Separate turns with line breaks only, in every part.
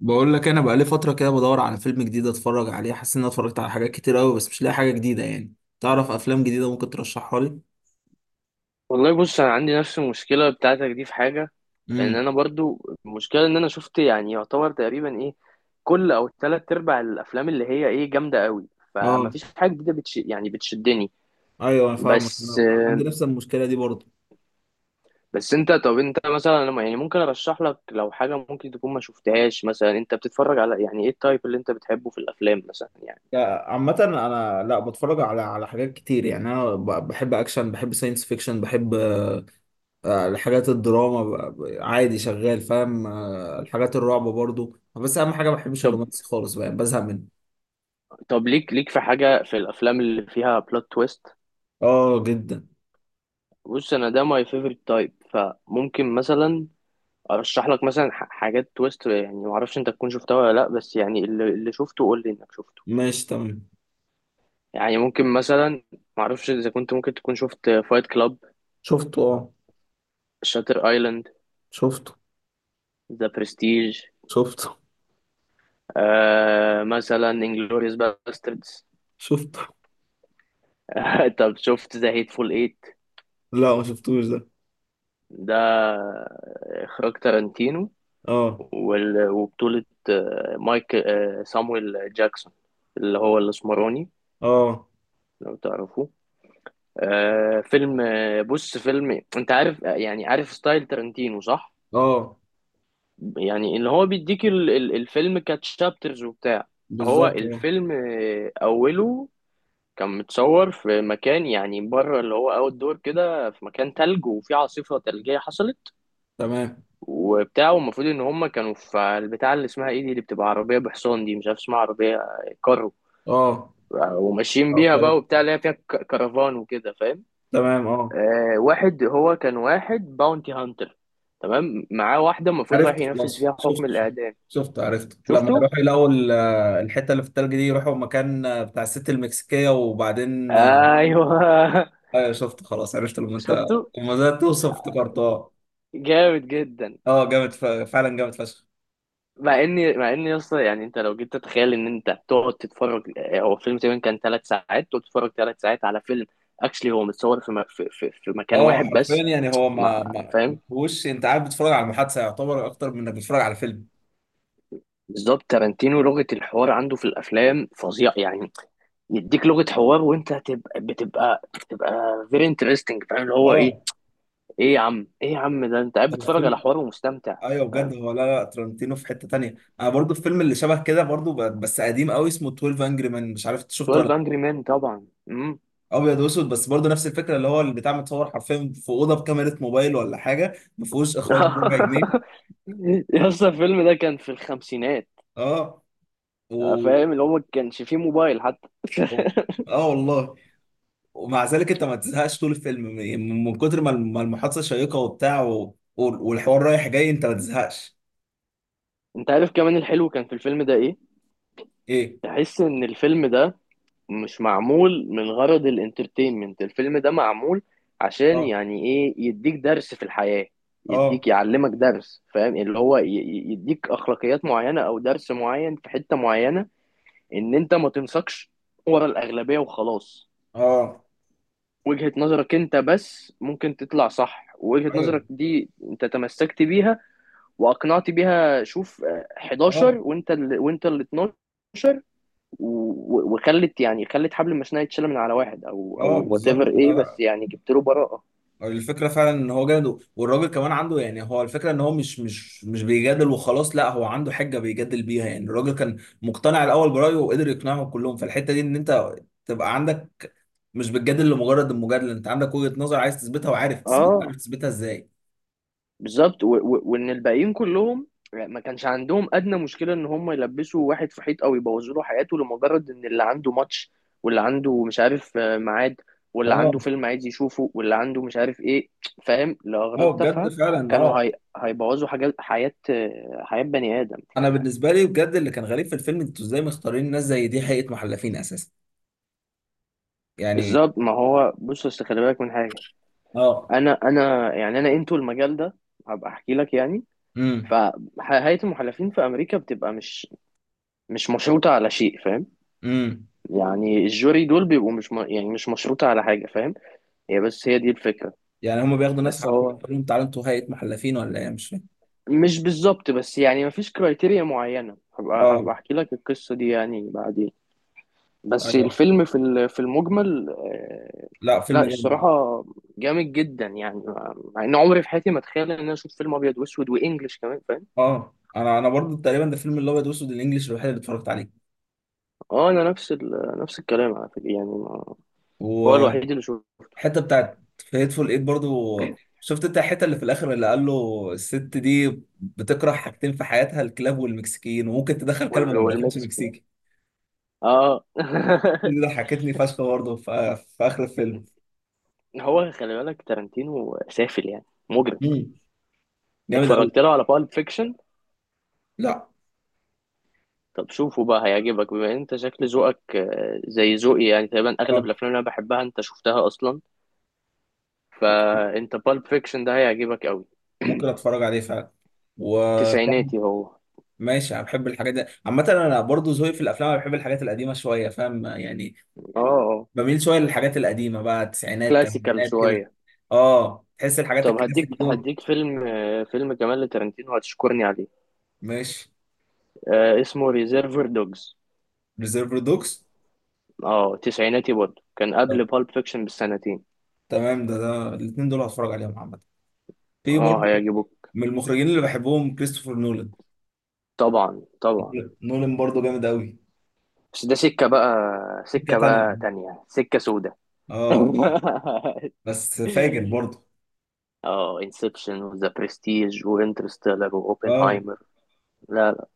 بقول لك انا بقالي فتره كده بدور على فيلم جديد اتفرج عليه، حاسس ان انا اتفرجت على حاجات كتير قوي بس مش لاقي حاجه جديده يعني. تعرف افلام جديده ممكن ترشحها لي؟
والله بص، انا عندي نفس المشكله بتاعتك دي في حاجه.
امم
ان انا برضو المشكله ان انا شفت، يعني يعتبر تقريبا ايه، كل او ثلاث ارباع الافلام اللي هي ايه جامده قوي، فما
اه،
فيش حاجه جديده يعني بتشدني.
ايوه انا فاهمك،
بس
أنا عندي نفس المشكله دي برضه.
بس انت، طب انت مثلا، أنا يعني ممكن ارشح لك لو حاجه ممكن تكون ما شفتهاش. مثلا انت بتتفرج على يعني ايه، التايب اللي انت بتحبه في الافلام مثلا يعني؟
لا، عامة أنا لا بتفرج على حاجات كتير. يعني أنا بحب أكشن، بحب ساينس فيكشن، بحب الحاجات الدراما، عادي شغال فاهم، الحاجات الرعب برضه. بس أهم حاجة ما بحبش الرومانسي خالص، بقى بزهق منه.
طب ليك في حاجه في الافلام اللي فيها بلوت تويست.
آه جدا.
بص انا ده ماي فيفورت تايب، فممكن مثلا ارشح لك مثلا حاجات تويست، يعني ما اعرفش انت تكون شفتها ولا لا، بس يعني اللي شفته قول لي انك شفته.
ماشي تمام.
يعني ممكن مثلا ما اعرفش اذا كنت ممكن تكون شفت فايت كلاب،
شفته آه.
شاتر ايلاند،
شفته.
ذا برستيج،
شفته.
آه مثلا انجلوريوس باستردز.
شفته.
طب شفت ذا هيتفول ايت؟
لا ما شفتوش ده.
ده اخراج تارانتينو،
اه.
وبطولة مايك، سامويل جاكسون، اللي هو الاسمراني،
اه.
لو تعرفوه. آه فيلم، آه بص، فيلم انت عارف، يعني عارف ستايل تارنتينو صح؟
اه
يعني اللي هو بيديك الفيلم كتشابترز وبتاع. هو
بالظبط اه.
الفيلم، اوله كان متصور في مكان يعني بره، اللي هو اوت دور كده، في مكان تلج، وفي عاصفة تلجية حصلت
تمام
وبتاع. والمفروض ان هم كانوا في البتاع اللي اسمها ايه دي، اللي بتبقى عربية بحصان دي، مش عارف اسمها، عربية، كارو.
اه.
وماشيين
او
بيها
كاريت.
بقى وبتاع، اللي هي فيها كرفان وكده، فاهم؟
تمام اه.
آه واحد هو كان واحد باونتي هانتر، تمام، معاه واحدة المفروض رايح
عرفت
ينفذ
خلاص،
فيها حكم
شفت شفت.
الإعدام.
شفت عرفت لما
شفته؟
يروح يلاقوا الحته اللي في التلج دي، يروحوا مكان بتاع الست المكسيكيه وبعدين.
أيوه.
ايوه شفت خلاص، عرفت لما انت
شفته؟
لما بدات توصف افتكرت اه.
جامد جدا.
اه جامد فعلا جامد فشخ.
مع إني يا اسطى، يعني أنت لو جيت تتخيل إن أنت تقعد تتفرج، هو فيلم تقريبا كان 3 ساعات. تقعد تتفرج 3 ساعات على فيلم اكشلي هو متصور في, م... في, في, في مكان
اه
واحد
حرفيا،
بس.
يعني هو
مع
ما
فاهم،
هوش، انت قاعد بتتفرج على المحادثه يعتبر اكتر من انك بتتفرج على فيلم.
بالظبط، تارانتينو لغة الحوار عنده في الأفلام فظيع يعني. يديك لغه حوار، وانت هتبقى بتبقى بتبقى فيري انترستنج، فاهم؟ اللي هو ايه،
اه
ايه يا عم، ايه يا عم، ده انت قاعد
هو
بتتفرج على
فيلم.
حوار ومستمتع.
ايوه بجد هو، لا لا ترنتينو في حته تانية. انا برضو الفيلم اللي شبه كده برضو، بس قديم قوي، اسمه 12 انجري مان. مش عارف إنت شفته ولا
12
لأ.
انجري مان طبعا، امم.
ابيض واسود بس برضو نفس الفكره، اللي هو البتاع متصور حرفيا في اوضه بكاميرا موبايل ولا حاجه، ما فيهوش اخراج بربع جنيه.
يا اسطى، الفيلم ده كان في الخمسينات،
اه و...
فاهم؟ اللي هو ما كانش فيه موبايل حتى.
و... اه والله. ومع ذلك انت ما تزهقش طول الفيلم، من من كتر ما ما المحادثه شيقه وبتاع والحوار رايح جاي انت ما تزهقش.
انت عارف كمان الحلو كان في الفيلم ده ايه؟
ايه.
تحس ان الفيلم ده مش معمول من غرض الانترتينمنت، الفيلم ده معمول عشان
اه.
يعني ايه، يديك درس في الحياة.
اه.
يديك يعلمك درس، فاهم؟ اللي هو يديك اخلاقيات معينة او درس معين في حتة معينة، ان انت ما تنساقش ورا الاغلبية وخلاص.
اه.
وجهة نظرك انت بس ممكن تطلع صح، ووجهة نظرك
ايوه.
دي انت تمسكت بيها واقنعت بيها. شوف 11
اه.
وانت ال 12، وخلت يعني خلت حبل المسنه يتشال من على واحد، او
اه
او وات ايفر
بالظبط. لا
ايه،
لا،
بس يعني جبت له براءه.
الفكرة فعلا ان هو جامد، والراجل كمان عنده، يعني هو الفكرة ان هو مش بيجادل وخلاص، لا هو عنده حجة بيجادل بيها. يعني الراجل كان مقتنع الاول برأيه وقدر يقنعهم كلهم، فالحتة دي ان انت تبقى عندك، مش بتجادل لمجرد المجادلة، انت عندك وجهة نظر عايز تثبتها وعارف تثبت، عارف
اه
تثبتها ازاي.
بالظبط، وان الباقيين كلهم ما كانش عندهم ادنى مشكله ان هم يلبسوا واحد في حيط او يبوظوا له حياته، لمجرد ان اللي عنده ماتش، واللي عنده مش عارف، ميعاد، واللي
اه.
عنده فيلم عايز يشوفه، واللي عنده مش عارف ايه، فاهم؟ لاغراض
اه بجد
تافهه،
فعلا
كانوا
اه.
هيبوظوا حاجات حياه، حياه بني ادم،
انا
فاهم؟
بالنسبة لي بجد اللي كان غريب في الفيلم، انتوا ازاي مختارين ناس زي دي حقيقة محلفين اساسا؟ يعني.
بالظبط، ما هو بص، أصل خلي بالك من حاجه.
اه.
انا يعني، انا انتو المجال ده هبقى احكي لك يعني.
امم
فهيئة المحلفين في امريكا بتبقى مش مشروطة على شيء، فاهم؟
امم.
يعني الجوري دول بيبقوا مش م... يعني مش مشروطة على حاجة، فاهم؟ هي بس هي دي الفكرة.
يعني هما بياخدوا ناس
بس
عشان
هو
يقولوا لهم تعالوا انتوا هيئة محلفين، ولا ايه؟ مش فاهم.
مش بالظبط، بس يعني مفيش كرايتيريا معينة، هبقى
اه.
هبقى احكي لك القصة دي يعني بعدين. بس
ايوه.
الفيلم في المجمل، آه.
لا
لا
فيلم جامد.
الصراحة جامد جدا، يعني مع ان عمري في حياتي ما اتخيل ان انا اشوف فيلم ابيض واسود وانجلش كمان، فاهم؟
اه انا انا برضو تقريبا ده الفيلم الابيض واسود الانجليش الوحيد اللي اتفرجت عليه.
اه انا نفس نفس الكلام على فكره، يعني ما... هو
والحته
الوحيد اللي شو.
بتاعت في هيتفول ايت برضو، شفت انت الحته اللي في الاخر اللي قال له الست دي بتكره حاجتين في حياتها، الكلاب والمكسيكيين، وممكن تدخل كلب وما تدخلش
والمكسيكان.
مكسيكي.
اه.
دي ضحكتني فشخ برضو في اخر الفيلم.
هو خلي بالك تارانتينو سافل، يعني مجرم.
امم جامد قوي.
اتفرجت له على بالب فيكشن.
لا
طب شوفه بقى، هيعجبك بما ان انت شكل ذوقك زي ذوقي يعني، تقريبا
اه،
اغلب الافلام اللي انا بحبها انت شفتها اصلا، فانت بالب فيكشن ده هيعجبك قوي.
ممكن اتفرج عليه فعلا و
تسعيناتي هو، اه،
ماشي. انا بحب الحاجات دي عامة، انا برضو ذوقي في الافلام انا بحب الحاجات القديمة شوية، فاهم يعني؟
اه،
بميل شويه للحاجات القديمه بقى، التسعينات
كلاسيكال
الثمانينات كده.
شويه.
اه تحس الحاجات
طب
الكلاسيك
هديك
دول.
هديك فيلم، فيلم كمان لتارانتينو هتشكرني عليه،
ماشي.
اسمه ريزيرفر دوجز.
ريزيرف دوكس.
اه تسعيناتي برضه، كان
طب،
قبل بالب فيكشن بسنتين.
تمام ده، ده الاثنين دول هتفرج عليهم عامه. في
اه
برضه
هيعجبوك.
من المخرجين اللي بحبهم كريستوفر نولان.
طبعا طبعا.
نولان برضه جامد قوي،
بس ده سكة بقى،
سكه
سكة
تانيه
بقى تانية، سكة سودة.
اه. بس فاجر برضه.
اه، انسبشن وذا برستيج وانترستيلر
اه.
واوبنهايمر. لا لا،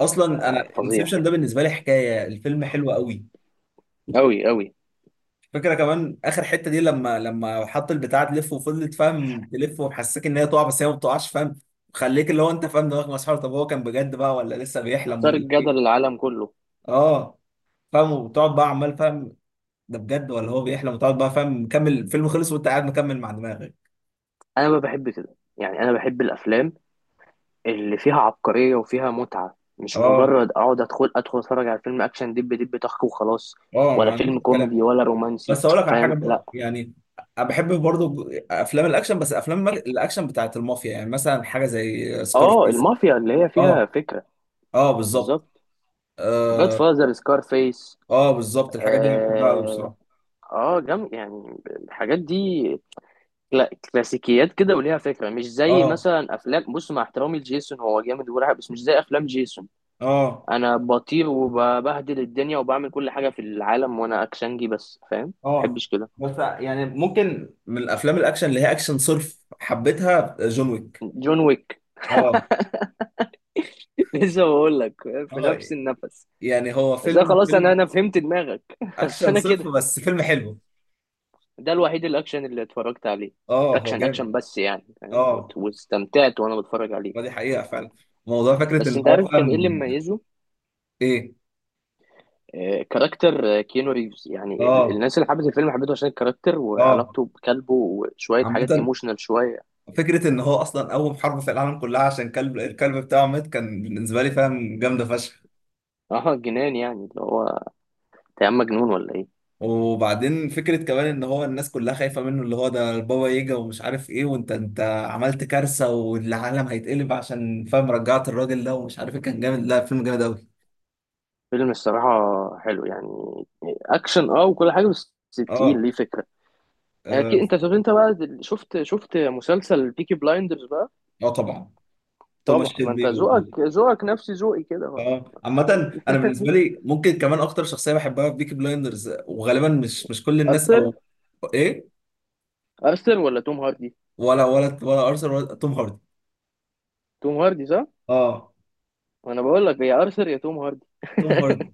اصلا انا
فظيع،
انسبشن ده بالنسبه لي حكايه، الفيلم حلو قوي.
أوي أوي.
فكرة كمان اخر حتة دي، لما لما حط البتاع تلف وفضلت فاهم تلف ومحسسك ان هي تقع بس هي ما بتقعش، فاهم؟ خليك اللي هو انت فاهم دماغك مسحور، طب هو كان بجد بقى ولا لسه بيحلم
أثار
ولا
الجدل
ايه؟
العالم كله.
اه فاهم، وتقعد بقى عمال فاهم، ده بجد ولا هو بيحلم، وتقعد بقى فاهم، مكمل الفيلم خلص وانت قاعد مكمل مع دماغك.
أنا ما بحب كده يعني، أنا بحب الأفلام اللي فيها عبقرية وفيها متعة، مش
اه.
مجرد اقعد ادخل اتفرج على فيلم اكشن دب دب طخ وخلاص.
اه ما
ولا
عنديش
فيلم
كلام.
كوميدي ولا رومانسي،
بس اقول لك على حاجة
فاهم؟ لا.
بقى، يعني انا بحب برضو افلام الاكشن، بس افلام الاكشن بتاعت المافيا، يعني مثلا حاجة زي
اه
سكارفيس.
المافيا اللي هي فيها
اه.
فكرة.
اه بالظبط.
بالظبط، جاد فازر، سكارفيس.
اه بالظبط الحاجات دي انا بحبها قوي
اه،
بصراحه.
اه، جم يعني الحاجات دي، كلاسيكيات كده وليها فكرة. مش زي
اه.
مثلا افلام، بص مع احترامي لجيسون، هو جامد ورعب، بس مش زي افلام جيسون
اه.
انا بطير وببهدل الدنيا وبعمل كل حاجة في العالم وانا اكشنجي بس، فاهم؟
اه.
محبش كده.
بس يعني ممكن من الافلام الاكشن اللي هي اكشن صرف حبيتها، جون ويك.
جون ويك.
اه.
لسه بقول لك، في
اه
نفس النفس.
يعني هو
بس أنا
فيلم
خلاص، انا
فيلم
انا فهمت دماغك. بس
اكشن
انا
صرف
كده،
بس فيلم حلو.
ده الوحيد الاكشن اللي اتفرجت عليه.
اه هو
اكشن
جامد.
اكشن، بس يعني فاهم،
اه
واستمتعت وانا بتفرج عليه.
ما دي حقيقه فعلا، موضوع فكره
بس
ان
انت
هو
عارف كان ايه اللي
فاهم.
مميزه؟
ايه.
كاركتر كيانو ريفز. يعني
اه.
الناس اللي حبت الفيلم حبته عشان الكاركتر
اه.
وعلاقته بكلبه وشويه
عامة
حاجات ايموشنال شويه.
فكرة إن هو أصلا أول حرب في العالم كلها عشان كلب، الكلب بتاعه مات، كان بالنسبة لي فاهم جامدة فشخ.
اه جنان يعني، اللي هو انت يا عم مجنون ولا ايه؟
وبعدين فكرة كمان ان هو الناس كلها خايفة منه، اللي هو ده البابا يجا ومش عارف ايه، وانت انت عملت كارثة والعالم هيتقلب عشان فاهم رجعت الراجل ده ومش عارف ايه، كان جامد. لا فيلم جامد قوي.
فيلم الصراحه حلو يعني، اكشن، اه، وكل حاجه، بس تقيل
اه.
ليه فكره.
اه.
اكيد انت، طب انت بقى شفت شفت مسلسل بيكي بلايندرز بقى؟
آه طبعا. توماس
طبعا، ما انت
شيلبي
ذوقك ذوقك نفس ذوقي كده بقى.
اه. عامة انا بالنسبة لي ممكن كمان اكتر شخصية بحبها في بيكي بلايندرز، وغالبا مش كل الناس،
ارثر؟
او ايه؟
ارثر ولا توم هاردي؟
ولا ارثر ولا توم هاردي.
توم هاردي صح.
اه.
انا بقول لك يا ارثر يا توم هاردي.
توم هاردي.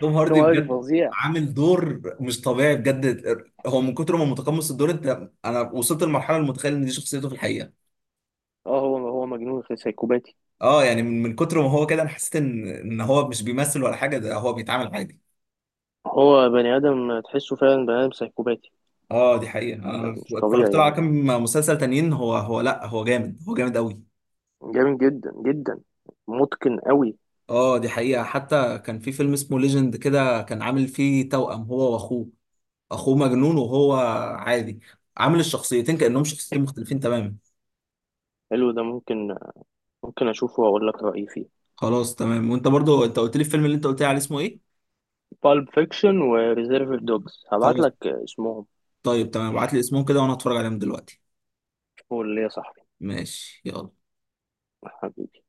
توم
توم
هاردي
هاردي
بجد،
فظيع.
عامل دور مش طبيعي بجد. هو من كتر ما متقمص الدور انت، انا وصلت لمرحله متخيل ان دي شخصيته في الحقيقه.
اه هو هو مجنون سايكوباتي.
اه يعني من من كتر ما هو كده، انا حسيت ان هو مش بيمثل ولا حاجه، ده هو بيتعامل عادي.
هو بني ادم تحسه فعلا بني ادم سايكوباتي.
اه دي حقيقه، انا
مش
اتفرجت
طبيعي
له على
يعني،
كام مسلسل تانيين، هو هو لا هو جامد، هو جامد قوي.
جامد جدا جدا، متقن قوي.
اه دي حقيقه، حتى كان في فيلم اسمه ليجند كده، كان عامل فيه توأم هو واخوه. اخوه مجنون وهو عادي، عامل الشخصيتين كأنهم شخصيتين مختلفين تماما.
حلو، ده ممكن، ممكن اشوفه واقول لك رايي فيه.
خلاص تمام. وانت برضو انت قلت لي الفيلم اللي انت قلت لي عليه اسمه ايه؟
بالب فيكشن وريزيرف دوجز هبعت
خلاص.
لك اسمهم.
طيب تمام، ابعت لي اسمهم كده وانا هتفرج عليهم دلوقتي.
قول لي يا صاحبي.
ماشي يلا.
حبيبي.